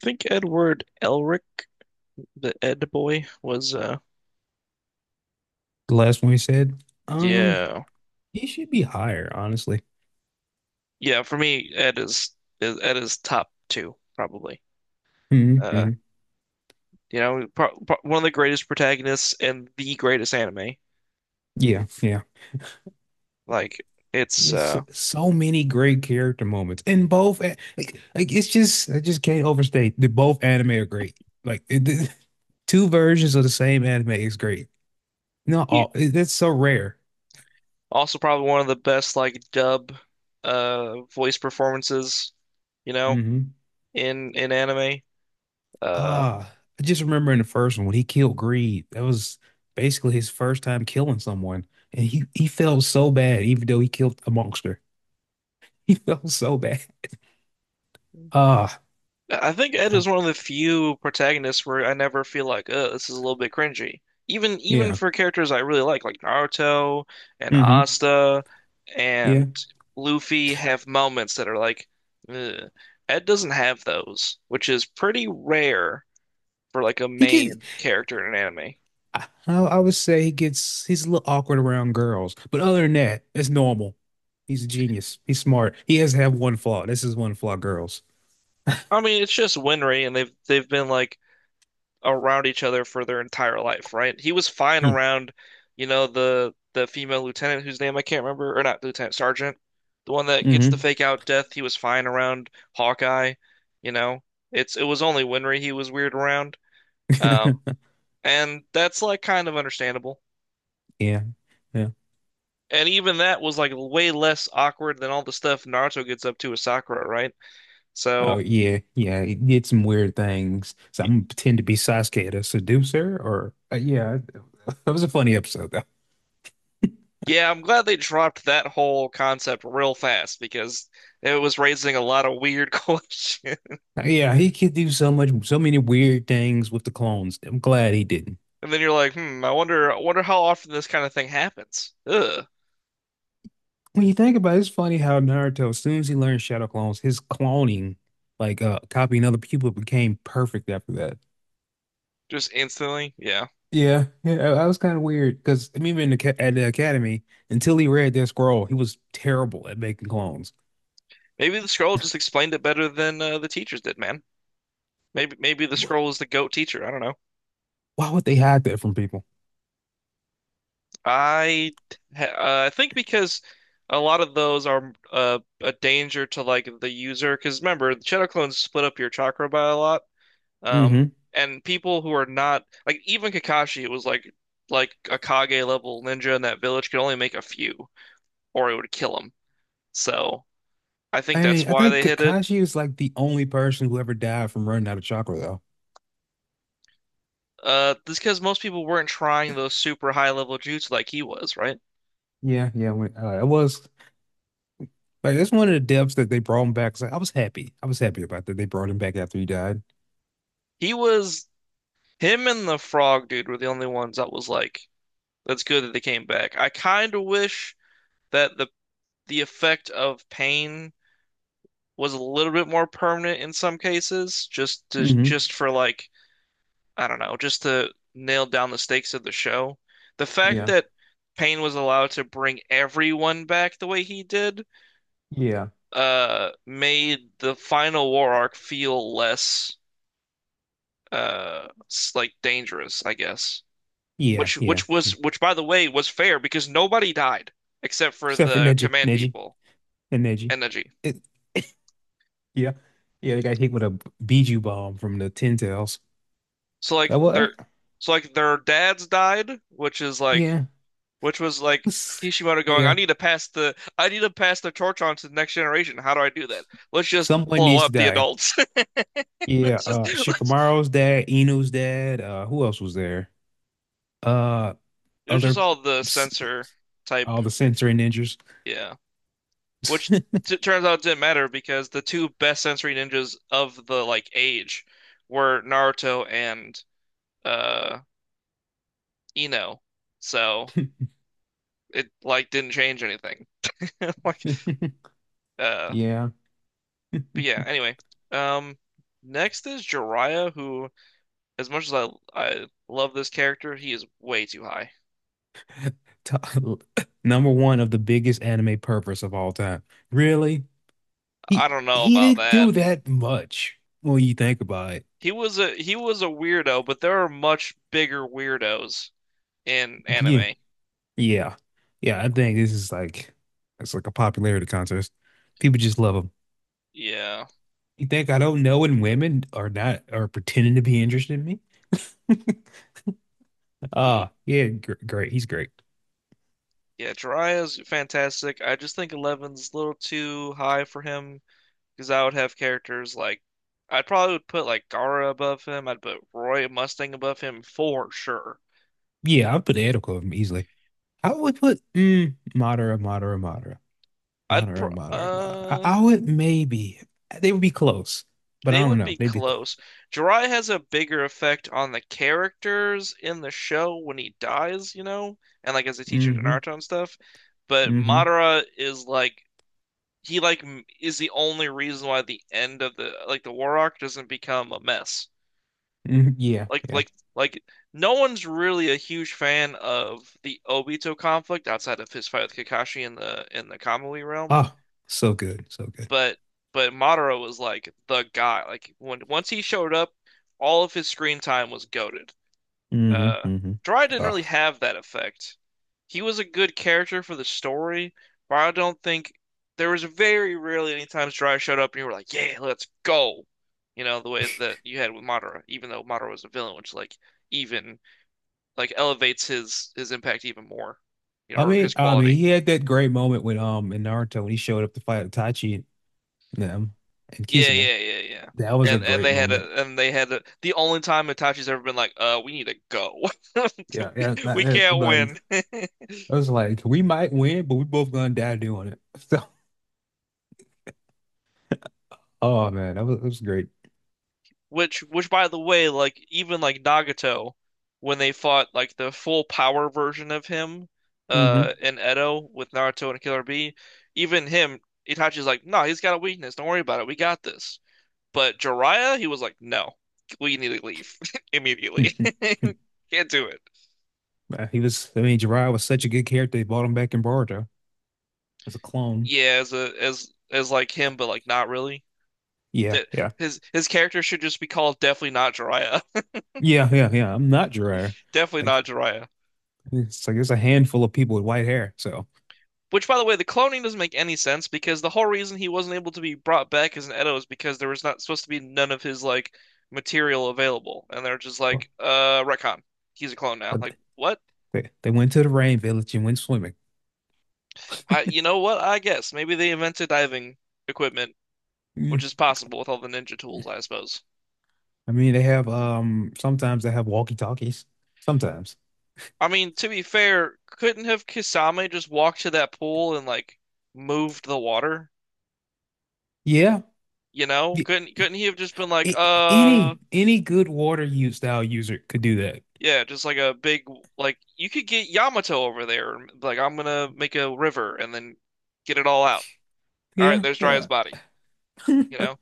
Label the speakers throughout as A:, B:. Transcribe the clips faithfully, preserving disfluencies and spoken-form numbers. A: Think Edward Elric, the Ed boy, was uh
B: The last one we said, um,
A: yeah.
B: he should be higher, honestly.
A: Yeah, for me, Ed is is- Ed is top two, probably.
B: Hmm,
A: Uh
B: hmm.
A: you know, pro pro One of the greatest protagonists and the greatest anime.
B: Yeah, yeah.
A: Like it's
B: It's
A: uh
B: so many great character moments in both. a- Like, like it's just I just can't overstate that both anime are great. Like it, the- two versions of the same anime is great. Not
A: he-
B: all. it- That's so rare.
A: also probably one of the best like dub uh voice performances, you know,
B: Hmm.
A: in in anime. Uh
B: Ah, I just remember in the first one when he killed Greed. That was basically his first time killing someone, and he he felt so bad, even though he killed a monster. He felt so bad. Ah.
A: I think Ed is
B: Ah.
A: one of the few protagonists where I never feel like, uh, this is a little bit cringy. Even even
B: Yeah.
A: for characters I really like, like Naruto and
B: Hmm.
A: Asta and
B: Yeah.
A: Luffy have moments that are like, ugh. Ed doesn't have those, which is pretty rare for like a
B: He get
A: main character in an anime.
B: I, I would say he gets he's a little awkward around girls, but other than that, it's normal. He's a genius. He's smart. He has to have one flaw. This is one flaw, girls.
A: I mean, it's just Winry, and they've they've been like around each other for their entire life, right? He was fine
B: Mm.
A: around, you know, the the female lieutenant whose name I can't remember, or not lieutenant, sergeant, the one that gets the
B: Hmm.
A: fake out death. He was fine around Hawkeye, you know. It's it was only Winry he was weird around, um, and that's like kind of understandable.
B: Yeah. Yeah.
A: And even that was like way less awkward than all the stuff Naruto gets up to with Sakura, right? So.
B: Oh yeah. Yeah. He did some weird things. So
A: y-
B: I'm gonna pretend to be Sasuke to seduce her or uh, yeah. That was a funny episode though.
A: Yeah, I'm glad they dropped that whole concept real fast because it was raising a lot of weird questions.
B: Yeah, he could do so much so many weird things with the clones. I'm glad he didn't.
A: And then you're like, hmm, I wonder, I wonder how often this kind of thing happens. Ugh.
B: When you think about it, it's funny how Naruto, as soon as he learned Shadow Clones, his cloning, like uh copying other people, became perfect after that.
A: Just instantly, yeah.
B: Yeah, yeah, that that was kind of weird because even in the, ca- at the academy, until he read that scroll, he was terrible at making clones.
A: Maybe the scroll just explained it better than uh, the teachers did, man. Maybe, maybe the
B: Wh-
A: scroll is the goat teacher. I don't know.
B: Why would they hide that from people?
A: I, ha- uh, I think because a lot of those are uh, a danger to like the user. Because remember, the shadow clones split up your chakra by a lot. Um,
B: Hmm.
A: and people who are not like even Kakashi was like like a Kage level ninja in that village could only make a few, or it would kill him. So. I think
B: I
A: that's
B: mean, I
A: why
B: think
A: they hid it.
B: Kakashi is like the only person who ever died from running out of chakra, though.
A: Uh, this because most people weren't trying those super high level jutsu like he was, right?
B: Yeah, yeah, when, uh, it was like that's one of the depths that they brought him back. So I was happy. I was happy about that. They brought him back after he died.
A: He was him and the frog dude were the only ones that was like, that's good that they came back. I kind of wish that the the effect of pain was a little bit more permanent in some cases, just to
B: Hmm.
A: just for like I don't know, just to nail down the stakes of the show. The fact
B: Yeah.
A: that pain was allowed to bring everyone back the way he did
B: Yeah.
A: uh made the final war arc feel less uh like dangerous, I guess.
B: Yeah,
A: Which
B: yeah.
A: which was
B: Mm.
A: which by the way was fair because nobody died except for
B: Except for
A: the
B: Neji,
A: command
B: Neji,
A: people
B: and Neji.
A: and Neji.
B: It, yeah, yeah. They got hit with a Biju bomb from the Ten Tails.
A: So like
B: That
A: their
B: what?
A: so like their dads died, which is like
B: Yeah,
A: which was
B: it
A: like
B: was.
A: Kishimoto going, I
B: Yeah,
A: need to pass the I need to pass the torch on to the next generation. How do I do that? Let's just
B: someone
A: blow
B: needs to
A: up the
B: die.
A: adults.
B: Yeah,
A: Let's just
B: uh,
A: let's
B: Shikamaru's dad, Inu's dad. Uh, who else was there? Uh,
A: It was just
B: other,
A: all the
B: s-
A: censor type,
B: all the sensory ninjas.
A: yeah. Which t turns out didn't matter because the two best sensory ninjas of the like age were Naruto and uh Ino. So it like didn't change anything. Like uh
B: Yeah,
A: but yeah, anyway. Um Next is Jiraiya who as much as I I love this character, he is way too high.
B: To- number one of the biggest anime purpose of all time. Really?
A: I
B: He
A: don't know
B: he
A: about
B: didn't
A: that.
B: do that much when you think about it.
A: He was a he was a weirdo, but there are much bigger weirdos in
B: Yeah.
A: anime.
B: Yeah. Yeah, I think this is like it's like a popularity contest. People just love him.
A: Yeah.
B: You think I don't know when women are not are pretending to be interested in me?
A: He
B: Ah, yeah, gr great. He's great.
A: Yeah, Jiraiya's fantastic. I just think eleven's a little too high for him because I would have characters like I'd probably would put like Gaara above him. I'd put Roy Mustang above him for sure.
B: Yeah, I'll put Ed of him easily. I would put mm, Madara, Madara, Madara,
A: I'd pr
B: Madara, Madara, Madara. I,
A: uh
B: I would maybe they would be close, but
A: they
B: I don't
A: would
B: know.
A: be
B: They'd be close.
A: close. Jiraiya has a bigger effect on the characters in the show when he dies, you know, and like as a teacher to
B: Mm-hmm.
A: Naruto and stuff. But
B: Mm-hmm.
A: Madara is like he like m- is the only reason why the end of the like the war arc doesn't become a mess.
B: Hmm. Yeah,
A: Like
B: yeah.
A: like like no one's really a huge fan of the Obito conflict outside of his fight with Kakashi in the in the Kamui realm,
B: Ah, so good, so good.
A: but but Madara was like the guy. Like when once he showed up, all of his screen time was goaded.
B: Mm-hmm.
A: Uh,
B: Mm-hmm.
A: Jiraiya didn't really
B: Ah,
A: have that effect. He was a good character for the story, but I don't think there was very rarely any times Jiraiya showed up and you were like, "Yeah, let's go." You know, the way that you had with Madara, even though Madara was a villain, which like even like elevates his his impact even more, you know,
B: I
A: or
B: mean,
A: his
B: I mean,
A: quality.
B: he had that great moment when um in Naruto when he showed up to fight Itachi and them and
A: Yeah,
B: Kisame.
A: yeah, yeah, yeah.
B: That was a
A: And and
B: great
A: they had
B: moment.
A: a and they had a, the only time Itachi's ever been like, uh, we need to go.
B: Yeah, yeah.
A: We, we
B: that- that-
A: can't
B: like
A: win.
B: I was like, we might win, but we both gonna die doing it. So, oh man, that was that was great.
A: Which which by the way, like even like Nagato, when they fought like the full power version of him,
B: Hmm.
A: uh, in Edo with Naruto and Killer Bee, even him, Itachi's like, no, he's got a weakness. Don't worry about it. We got this. But Jiraiya, he was like, no, we need to leave immediately. Can't do it.
B: He was. I mean, Jiraiya was such a good character. They brought him back in Boruto as a clone.
A: Yeah, as a as as like him, but like not really.
B: Yeah,
A: That
B: yeah,
A: his his character should just be called definitely not Jiraiya.
B: yeah, yeah, yeah. I'm not Jiraiya.
A: Definitely
B: Like
A: not Jiraiya.
B: it's like there's a handful of people with white hair. So,
A: Which, by the way, the cloning doesn't make any sense because the whole reason he wasn't able to be brought back as an Edo is because there was not supposed to be none of his like material available, and they're just
B: well,
A: like, uh, retcon. He's a clone now.
B: but
A: Like, what?
B: they they went to the rain village and went swimming.
A: I, you know what? I guess maybe they invented diving equipment, which is possible with all the ninja tools, I suppose.
B: I mean, they have um sometimes they have walkie-talkies. Sometimes.
A: I mean, to be fair, couldn't have Kisame just walked to that pool and like moved the water?
B: Yeah.
A: You know?
B: Y-
A: Couldn't couldn't he have just been like,
B: a-
A: uh,
B: any any good water use style user could do that.
A: yeah, just like a big like you could get Yamato over there and be like I'm gonna make a river and then get it all out. All right,
B: Yeah,
A: there's Jiraiya's
B: yeah.
A: body, you know?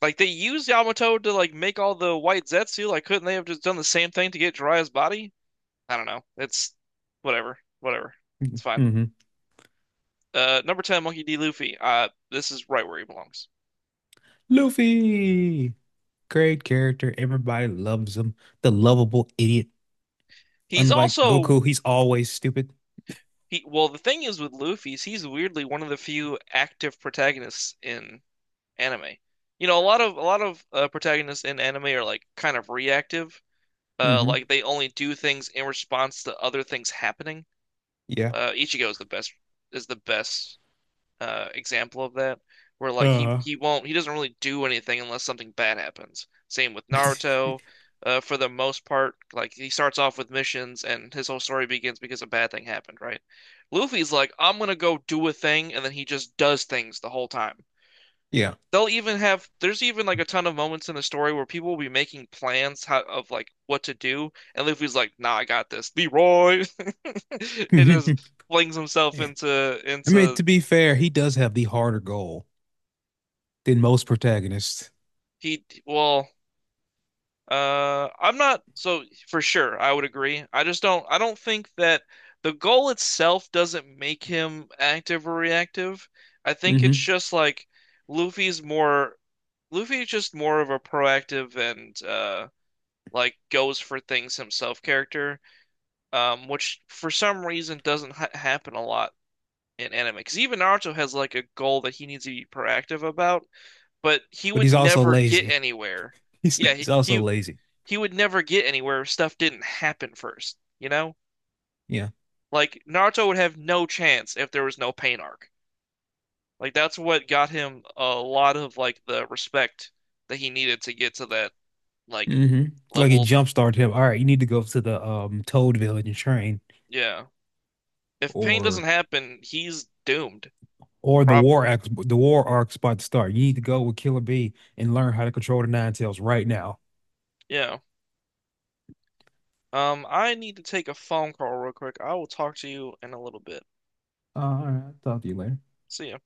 A: Like they used Yamato to like make all the white Zetsu, like couldn't they have just done the same thing to get Jiraiya's body? I don't know. It's whatever, whatever. It's fine.
B: Hmm.
A: Uh, number ten, Monkey D. Luffy. Uh, this is right where he belongs.
B: Luffy, great character. Everybody loves him. The lovable idiot.
A: He's
B: Unlike Goku,
A: also
B: he's always stupid.
A: he, well, The thing is with Luffy is he's weirdly one of the few active protagonists in anime. You know, a lot of a lot of uh, protagonists in anime are like kind of reactive. Uh,
B: Hmm.
A: like they only do things in response to other things happening.
B: Yeah.
A: Uh, Ichigo is the best is the best uh, example of that, where like he
B: Uh-huh.
A: he won't he doesn't really do anything unless something bad happens. Same with Naruto, uh, for the most part, like he starts off with missions and his whole story begins because a bad thing happened, right? Luffy's like, I'm gonna go do a thing, and then he just does things the whole time.
B: Yeah.
A: They'll even have There's even like a ton of moments in the story where people will be making plans how, of like what to do, and Luffy's like, "Nah, I got this, Leroy." It just flings himself
B: Yeah.
A: into
B: I mean,
A: into
B: to be fair, he does have the harder goal than most protagonists.
A: he well Uh, I'm not so for sure. I would agree. I just don't. I don't think that the goal itself doesn't make him active or reactive. I think it's
B: Hmm.
A: just like Luffy's more. Luffy is just more of a proactive and uh like goes for things himself character. Um, which for some reason doesn't ha happen a lot in anime. Because even Naruto has like a goal that he needs to be proactive about, but he
B: But
A: would
B: he's also
A: never get
B: lazy.
A: anywhere.
B: He's
A: Yeah,
B: he's
A: he,
B: also
A: he
B: lazy.
A: he would never get anywhere if stuff didn't happen first, you know?
B: Yeah.
A: Like Naruto would have no chance if there was no pain arc. Like that's what got him a lot of like the respect that he needed to get to that like
B: Hmm. Like it
A: level.
B: jumpstarted him. All right, you need to go to the um Toad Village and train
A: Yeah. If pain doesn't
B: or
A: happen, he's doomed.
B: or the
A: Prob
B: war arc, the war arc spot to start. You need to go with Killer Bee and learn how to control the Ninetales right now.
A: Yeah. Um, I need to take a phone call real quick. I will talk to you in a little bit.
B: Uh, all right, I'll talk to you later.
A: See ya.